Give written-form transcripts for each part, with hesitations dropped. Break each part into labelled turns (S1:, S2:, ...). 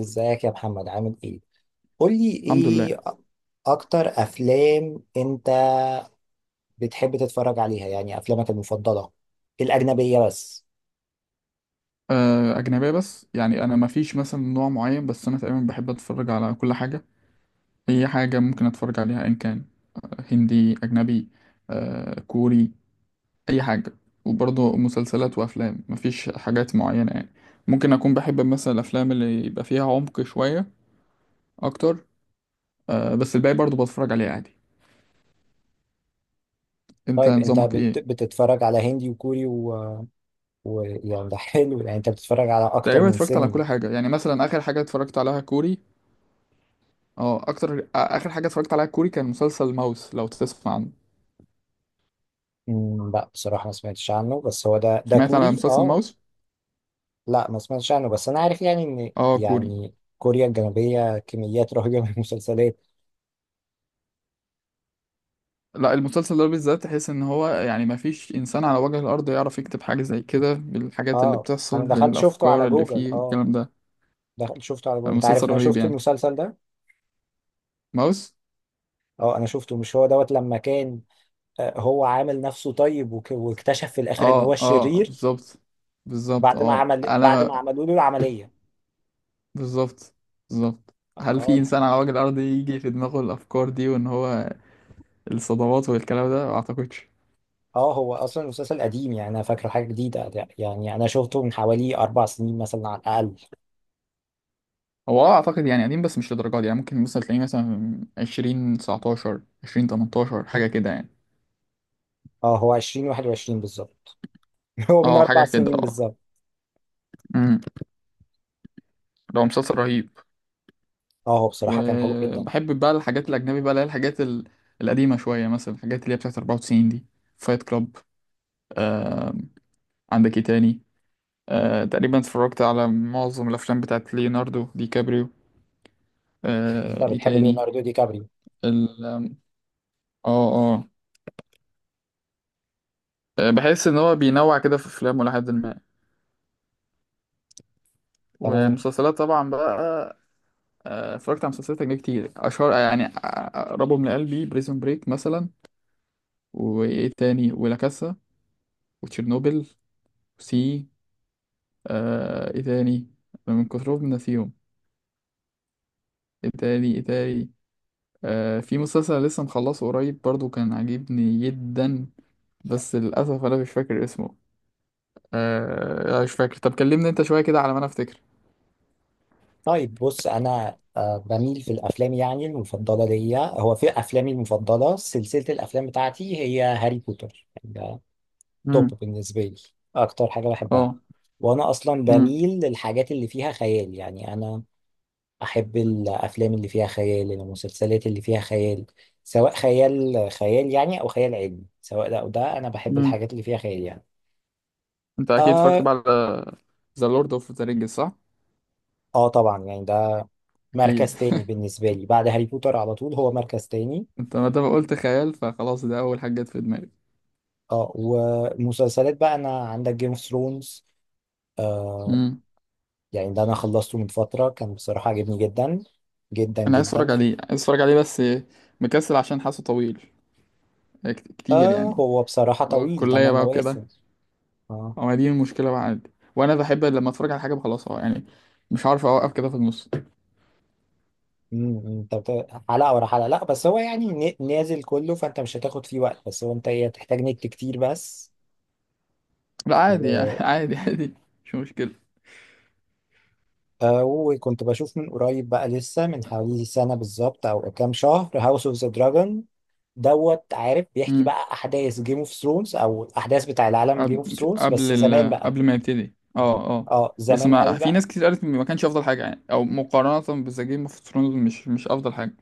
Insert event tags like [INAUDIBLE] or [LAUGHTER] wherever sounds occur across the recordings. S1: ازيك يا محمد، عامل ايه؟ قولي
S2: الحمد لله.
S1: ايه اكتر افلام انت بتحب تتفرج عليها؟ يعني افلامك المفضلة الاجنبية بس.
S2: أجنبية بس، يعني أنا مفيش مثلا نوع معين، بس أنا تقريبا بحب أتفرج على كل حاجة. أي حاجة ممكن أتفرج عليها إن كان هندي أجنبي، كوري، أي حاجة. وبرضه مسلسلات وأفلام مفيش حاجات معينة يعني. ممكن أكون بحب مثلا الأفلام اللي يبقى فيها عمق شوية أكتر. بس الباقي برضه بتفرج عليه عادي. أنت
S1: طيب انت
S2: نظامك
S1: بت...
S2: إيه؟
S1: بتتفرج على هندي وكوري يعني ده حلو، يعني انت بتتفرج على اكتر
S2: تقريبا
S1: من
S2: اتفرجت على
S1: سينما.
S2: كل حاجة، يعني مثلا آخر حاجة اتفرجت عليها كوري. اه أكتر آخر حاجة اتفرجت عليها كوري كان مسلسل ماوس، لو تسمع عنه.
S1: لا بصراحة ما سمعتش عنه، بس هو ده
S2: سمعت على
S1: كوري؟
S2: مسلسل
S1: اه.
S2: ماوس؟
S1: لا ما سمعتش عنه، بس انا عارف يعني ان،
S2: اه، كوري.
S1: يعني كوريا الجنوبية كميات رهيبة من المسلسلات.
S2: لا، المسلسل ده بالذات تحس ان هو يعني ما فيش انسان على وجه الارض يعرف يكتب حاجه زي كده، بالحاجات اللي
S1: اه،
S2: بتحصل،
S1: انا دخلت شفته
S2: بالافكار
S1: على
S2: اللي
S1: جوجل.
S2: فيه،
S1: اه.
S2: الكلام ده.
S1: دخل شفته على بول. انت عارف
S2: مسلسل
S1: ان انا
S2: رهيب
S1: شفت
S2: يعني.
S1: المسلسل ده؟
S2: ماوس.
S1: اه، انا شفته. مش هو دوت لما كان هو عامل نفسه طيب واكتشف في الاخر ان هو
S2: اه اه،
S1: الشرير؟
S2: بالظبط. بالظبط، انا
S1: بعد ما عملوا له العملية.
S2: بالظبط. بالظبط. هل في
S1: اه،
S2: انسان على وجه الارض يجي في دماغه الافكار دي، وان هو الصدمات والكلام ده؟ ما اعتقدش.
S1: اه، هو اصلا المسلسل قديم، يعني انا فاكره حاجة جديدة. يعني انا شفته من حوالي 4 سنين مثلا، على الاقل.
S2: هو اعتقد يعني قديم، بس مش للدرجه دي، يعني ممكن مثلا تلاقيه مثلا 2019 2018 حاجه كده يعني.
S1: اه، هو 2021 بالظبط. [LAUGHS] هو من
S2: اه حاجه
S1: 4 سنين
S2: كده.
S1: بالظبط.
S2: اه. ده هو مسلسل رهيب.
S1: اه، هو بصراحة كان حلو جدا.
S2: وبحب بقى الحاجات الأجنبي بقى اللي هي الحاجات القديمة شوية، مثلا الحاجات اللي هي بتاعت 94 دي. فايت كلاب. آه. عندك ايه تاني؟ تقريبا اتفرجت على معظم الأفلام بتاعت ليوناردو دي كابريو.
S1: انت
S2: ايه
S1: بتحب
S2: تاني؟
S1: ليوناردو دي كابريو؟
S2: ال آم، اه اه. بحس إن هو بينوع كده في أفلامه لحد ما.
S1: تمام.
S2: ومسلسلات طبعا بقى. اتفرجت على مسلسلات أجنبي كتير أشهر، يعني أقربهم لقلبي بريزون بريك مثلا. وإيه تاني؟ ولا كاسا، وتشيرنوبل. سي. ايه تاني؟ انا من كترهم ناسيهم. ايه تاني ايه تاني؟ في مسلسل لسه مخلصه قريب برضو كان عاجبني جدا، بس للاسف انا مش فاكر اسمه. مش فاكر. طب كلمني انت شويه كده على ما انا افتكر.
S1: طيب بص، انا بميل في الافلام، يعني المفضله ليا، هو في افلامي المفضله سلسله الافلام بتاعتي هي هاري بوتر، يعني ده توب
S2: امم.
S1: بالنسبه لي، اكتر حاجه بحبها.
S2: اه.
S1: وانا اصلا
S2: امم.
S1: بميل للحاجات اللي فيها خيال، يعني انا احب الافلام اللي فيها خيال، المسلسلات اللي فيها خيال. سواء خيال خيال يعني، او خيال علمي، سواء ده او ده، انا بحب
S2: امم.
S1: الحاجات اللي فيها خيال يعني.
S2: انت اكيد اتفرجت
S1: اه،
S2: بقى على ذا لورد اوف ذا رينجز، صح؟
S1: اه، طبعا يعني ده
S2: اكيد
S1: مركز تاني
S2: [LAUGHS]
S1: بالنسبه لي، بعد هاري بوتر على طول هو مركز تاني.
S2: انت ما دام قلت خيال فخلاص، ده اول حاجه جت في دماغي.
S1: اه، ومسلسلات بقى، انا عندك جيم اوف ثرونز. آه
S2: امم.
S1: يعني ده انا خلصته من فترة، كان بصراحة عجبني جدا جدا
S2: انا عايز
S1: جدا
S2: اتفرج
S1: فيه.
S2: عليه، عايز اتفرج عليه، بس مكسل عشان حاسه طويل، كتير يعني.
S1: هو بصراحة
S2: أو
S1: طويل،
S2: الكليه
S1: تمن
S2: بقى
S1: مواسم
S2: وكده.
S1: اه.
S2: ما دي المشكلة بقى، عادي، وأنا بحب لما أتفرج على حاجة بخلصها يعني، مش عارف أوقف كده في النص.
S1: انت حلقة ورا حلقة؟ لا بس هو يعني نازل كله، فانت مش هتاخد فيه وقت. بس هو انت ايه، هتحتاج نت كتير بس.
S2: لا عادي يعني
S1: و...
S2: [LAUGHS] عادي عادي. مش مشكلة.
S1: آه وكنت بشوف من قريب بقى لسه، من حوالي سنة بالظبط او كام شهر، هاوس اوف ذا دراجون. دوت عارف بيحكي
S2: امم.
S1: بقى احداث جيم اوف ثرونز، او الاحداث بتاع العالم جيم اوف ثرونز بس زمان بقى.
S2: قبل ما يبتدي. اه اه.
S1: اه،
S2: بس
S1: زمان قوي
S2: ما في
S1: بقى.
S2: ناس كتير قالت إن ما كانش أفضل حاجة، يعني أو مقارنة بذا جيم اوف ثرونز مش أفضل حاجة.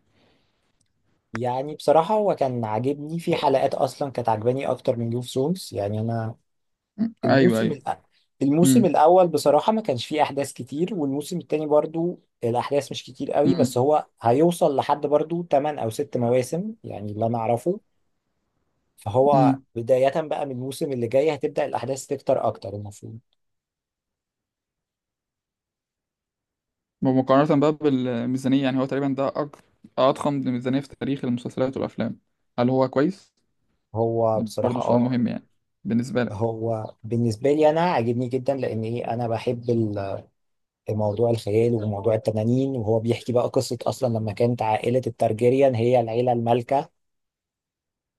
S1: يعني بصراحة هو كان عاجبني، في
S2: أو-.
S1: حلقات اصلا كانت عاجباني اكتر من جيم اوف ثرونز يعني انا.
S2: مم. أيوه
S1: الموسم
S2: أيوه.
S1: الأ... الموسم
S2: امم.
S1: الاول بصراحة ما كانش فيه احداث كتير، والموسم التاني برضو الاحداث مش كتير قوي، بس
S2: امم.
S1: هو هيوصل لحد برضو 8 او 6 مواسم، يعني اللي انا اعرفه. فهو
S2: امم.
S1: بداية بقى من الموسم اللي جاي هتبدأ الاحداث تكتر اكتر المفروض.
S2: مقارنة بقى بالميزانية، يعني هو تقريبا ده أضخم ميزانية في تاريخ المسلسلات والأفلام. هل هو كويس؟
S1: هو
S2: ده
S1: بصراحة
S2: برضه سؤال
S1: اه،
S2: مهم يعني، بالنسبة لك.
S1: هو بالنسبة لي أنا عاجبني جدا، لأن إيه أنا بحب موضوع الخيال وموضوع التنانين، وهو بيحكي بقى قصة أصلا لما كانت عائلة الترجيريان هي العيلة المالكة.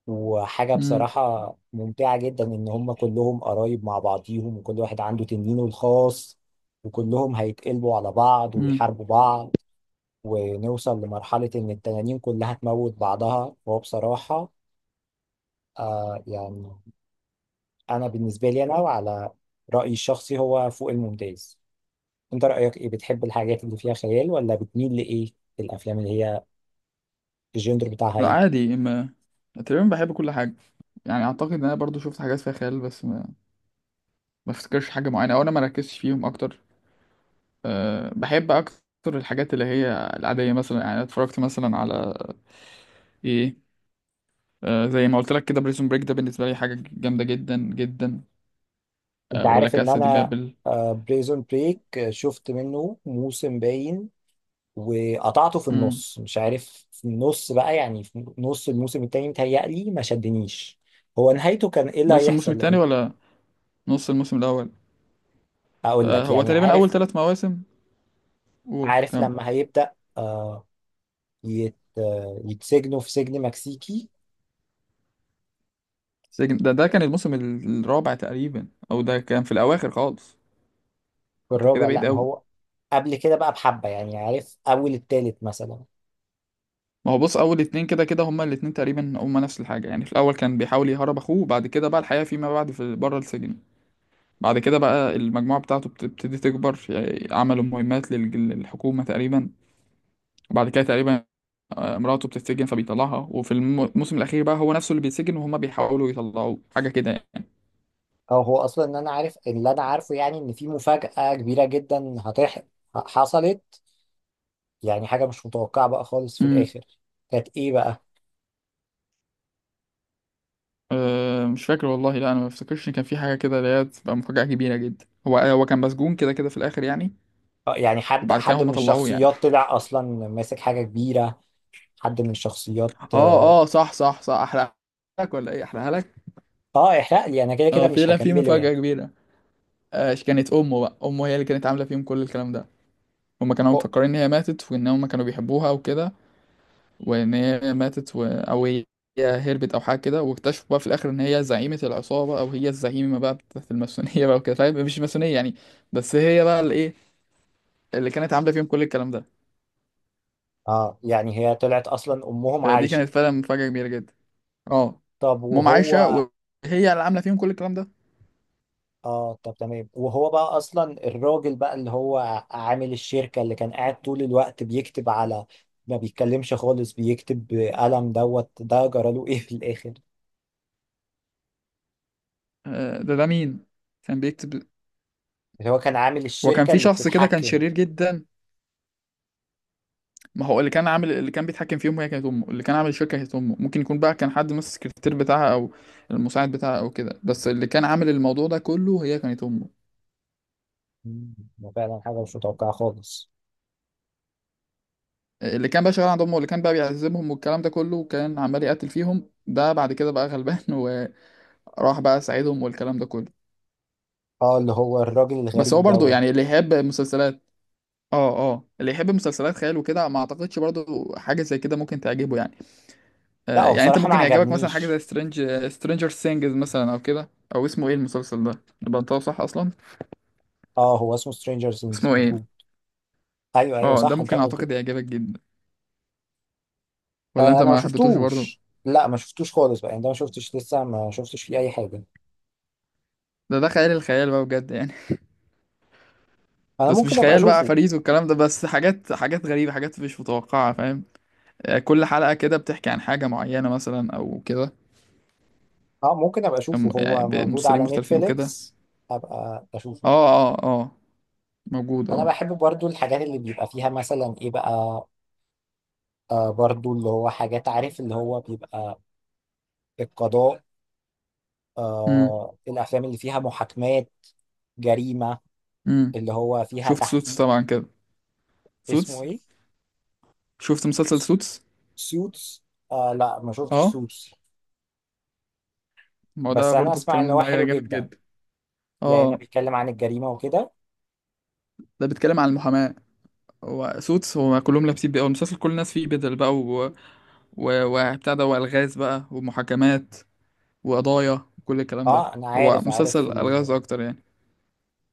S1: وحاجة
S2: امم.
S1: بصراحة ممتعة جدا إن هم كلهم قرايب مع بعضيهم، وكل واحد عنده تنينه الخاص. وكلهم هيتقلبوا على بعض ويحاربوا بعض، ونوصل لمرحلة إن التنانين كلها تموت بعضها. وهو بصراحة يعني أنا بالنسبة لي، أنا وعلى رأيي الشخصي هو فوق الممتاز. انت رأيك ايه؟ بتحب الحاجات اللي فيها خيال ولا بتميل لايه؟ في الافلام اللي هي الجندر بتاعها
S2: لا
S1: ايه؟
S2: عادي، ما تقريبا بحب كل حاجة. يعني أعتقد إن أنا برضو شفت حاجات فيها خيال، بس ما أفتكرش حاجة معينة، أو أنا ما ركزتش فيهم أكتر. أه بحب أكتر الحاجات اللي هي العادية مثلا، يعني أنا اتفرجت مثلا على إيه، زي ما قلت لك كده بريزون بريك، ده بالنسبة لي حاجة جامدة جدا جدا.
S1: انت
S2: ولا
S1: عارف ان
S2: كاسا دي
S1: انا
S2: بابل.
S1: بريزون بريك شفت منه موسم باين، وقطعته في
S2: مم.
S1: النص، مش عارف في النص بقى يعني في نص الموسم التاني، متهيألي ما شدنيش. هو نهايته كان ايه اللي
S2: نص الموسم
S1: هيحصل؟
S2: التاني
S1: لان
S2: ولا نص الموسم الأول؟
S1: اقول لك
S2: هو
S1: يعني،
S2: تقريبا أول ثلاث مواسم. قول
S1: عارف
S2: كام.
S1: لما هيبدأ يتسجنوا في سجن مكسيكي؟
S2: سجن، ده كان الموسم الرابع تقريبا، أو ده كان في الأواخر خالص.
S1: في
S2: أنت كده
S1: الرابع؟
S2: بعيد
S1: لا ما
S2: أوي.
S1: هو قبل كده بقى بحبة يعني، عارف؟ أول التالت مثلا.
S2: ما هو بص، اول اتنين كده كده هما الاتنين تقريبا هما نفس الحاجه، يعني في الاول كان بيحاول يهرب اخوه، وبعد كده بقى الحياه فيما بعد في بره السجن. بعد كده بقى المجموعه بتاعته بتبتدي تكبر، يعني عملوا مهمات للحكومه تقريبا. وبعد كده تقريبا مراته بتتسجن فبيطلعها، وفي الموسم الاخير بقى هو نفسه اللي بيتسجن، وهما بيحاولوا يطلعوه، حاجه كده يعني.
S1: او هو اصلا ان انا عارف، اللي انا عارفه يعني ان في مفاجأة كبيرة جدا حصلت، يعني حاجة مش متوقعة بقى خالص في
S2: امم.
S1: الاخر. كانت ايه بقى؟
S2: أه مش فاكر والله. لا انا ما افتكرش إن كان في حاجه كده اللي هي تبقى مفاجاه كبيره جدا. هو كان مسجون كده كده في الاخر يعني.
S1: يعني حد
S2: وبعد كده
S1: حد
S2: هما
S1: من
S2: طلعوه يعني.
S1: الشخصيات طلع اصلا ماسك حاجة كبيرة، حد من الشخصيات.
S2: اه اه صح صح صح. احرقها لك ولا ايه؟ احرقها لك.
S1: اه، احرق لي، انا كده كده
S2: اه
S1: مش
S2: فعلا في
S1: هكمله
S2: مفاجأة
S1: يعني.
S2: كبيرة. كانت امه بقى، امه هي اللي كانت عاملة فيهم كل الكلام ده. هما كانوا
S1: أو-
S2: مفكرين ان هي ماتت، وان هما كانوا بيحبوها وكده، وان هي ماتت و... او هي هربت او حاجة كده، واكتشفوا بقى في الاخر ان هي زعيمة العصابة، او هي الزعيمة بقى بتاعت الماسونية بقى وكده، فاهم، مش ماسونية يعني، بس هي بقى الايه اللي كانت عاملة فيهم كل الكلام ده.
S1: اه يعني هي طلعت اصلا امهم
S2: فدي
S1: عايشة.
S2: كانت فعلا مفاجأة كبيرة جدا. اه.
S1: طب
S2: مام عايشة
S1: وهو،
S2: وهي اللي عاملة فيهم كل الكلام ده.
S1: اه، طب تمام، وهو بقى اصلا الراجل بقى اللي هو عامل الشركة، اللي كان قاعد طول الوقت بيكتب على، ما بيتكلمش خالص بيكتب بقلم دوت، ده جراله ايه في الاخر؟
S2: ده مين كان بيكتب؟
S1: اللي هو كان عامل
S2: وكان
S1: الشركة
S2: في
S1: اللي
S2: شخص كده كان
S1: بتتحكم.
S2: شرير جدا. ما هو اللي كان عامل اللي كان بيتحكم في امه، هي كانت امه اللي كان عامل الشركه كانت امه. ممكن يكون بقى كان حد من السكرتير بتاعها او المساعد بتاعها او كده، بس اللي كان عامل الموضوع ده كله هي كانت امه.
S1: مم، ده فعلا حاجة مش متوقعة خالص.
S2: اللي كان بقى شغال عند امه، اللي كان بقى بيعذبهم والكلام ده كله، كان عمال يقتل فيهم، ده بعد كده بقى غلبان [LAUGHS] وراح بقى ساعدهم والكلام ده كله.
S1: اه، اللي هو الراجل
S2: بس
S1: الغريب
S2: هو برضو
S1: دوت.
S2: يعني اللي يحب مسلسلات، اه اه، اللي يحب مسلسلات خيال وكده، ما اعتقدش برضو حاجه زي كده ممكن تعجبه يعني.
S1: لا هو
S2: يعني انت
S1: بصراحة ما
S2: ممكن يعجبك مثلا حاجه
S1: عجبنيش.
S2: زي سترينجر سينجز مثلا او كده. او اسمه ايه المسلسل ده اللي بنطقه صح اصلا؟
S1: اه هو اسمه سترينجر ثينجز
S2: اسمه ايه؟
S1: مظبوط. ايوه، ايوه،
S2: اه ده
S1: صح، انت
S2: ممكن
S1: قلت لي.
S2: اعتقد يعجبك جدا. ولا انت
S1: انا ما
S2: ما حبيتوش برضه؟
S1: شفتوش، لا ما شفتوش خالص بقى، يعني ده ما شفتش لسه، ما شفتش فيه اي حاجة.
S2: ده خيال الخيال بقى بجد يعني [LAUGHS]
S1: انا
S2: بس مش
S1: ممكن ابقى
S2: خيال بقى
S1: اشوفه.
S2: فريد والكلام ده، بس حاجات حاجات غريبه، حاجات مش متوقعه، فاهم؟ كل حلقه كده بتحكي عن حاجه معينه مثلا او كده.
S1: اه، ممكن ابقى اشوفه.
S2: يعني
S1: هو موجود
S2: بممثلين
S1: على
S2: مختلفين وكده.
S1: نتفليكس؟ ابقى اشوفه.
S2: اه اه اه، موجود
S1: انا
S2: اه.
S1: بحب برضو الحاجات اللي بيبقى فيها مثلا ايه بقى، برضو اللي هو حاجات، عارف اللي هو بيبقى القضاء،
S2: امم.
S1: الافلام اللي فيها محاكمات، جريمة،
S2: امم.
S1: اللي هو فيها
S2: شفت سوتس
S1: تحقيق.
S2: طبعا كده؟
S1: اسمه
S2: سوتس،
S1: ايه؟
S2: شفت مسلسل سوتس؟
S1: سوتس. لا ما شفتش
S2: اه،
S1: سوتس.
S2: ما هو
S1: بس
S2: ده
S1: انا
S2: برضو
S1: اسمع ان
S2: الكلام
S1: هو
S2: ده
S1: حلو
S2: جامد
S1: جدا.
S2: جدا.
S1: يعني ده
S2: اه،
S1: بيتكلم عن الجريمة وكده.
S2: ده بيتكلم عن المحاماة. هو سوتس هو كلهم لابسين بقى المسلسل، كل الناس فيه بدل بقى و... و... وبتاع ده، والغاز بقى، ومحاكمات وقضايا وكل الكلام ده.
S1: اه انا
S2: هو
S1: عارف عارف
S2: مسلسل
S1: ال...
S2: الغاز اكتر يعني.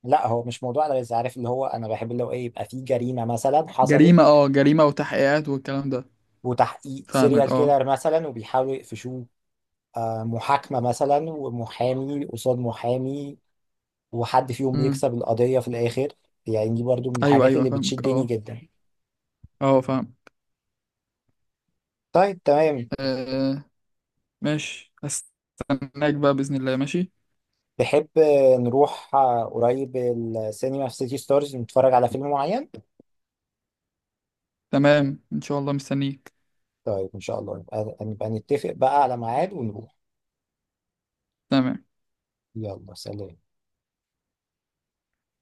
S1: لا هو مش موضوع ده، بس عارف اللي هو انا بحب اللي هو ايه، يبقى فيه جريمة مثلا
S2: جريمة،
S1: حصلت.
S2: اه جريمة وتحقيقات والكلام ده.
S1: وتحقيق
S2: فاهمك
S1: سيريال
S2: اه.
S1: كيلر مثلا، وبيحاولوا يقفشوه. محاكمة مثلا، ومحامي قصاد محامي، وحد فيهم
S2: امم.
S1: بيكسب القضية في الآخر. يعني دي برضو من
S2: ايوه
S1: الحاجات
S2: ايوه
S1: اللي
S2: فاهمك
S1: بتشدني
S2: اه.
S1: جدا.
S2: اه فاهم.
S1: طيب تمام.
S2: آه ماشي. هستناك بقى بإذن الله. ماشي.
S1: تحب نروح قريب السينما في سيتي ستارز نتفرج على فيلم معين؟
S2: تمام ان شاء الله مستنيك.
S1: طيب إن شاء الله نبقى نتفق بقى على ميعاد ونروح.
S2: تمام.
S1: يلا، سلام.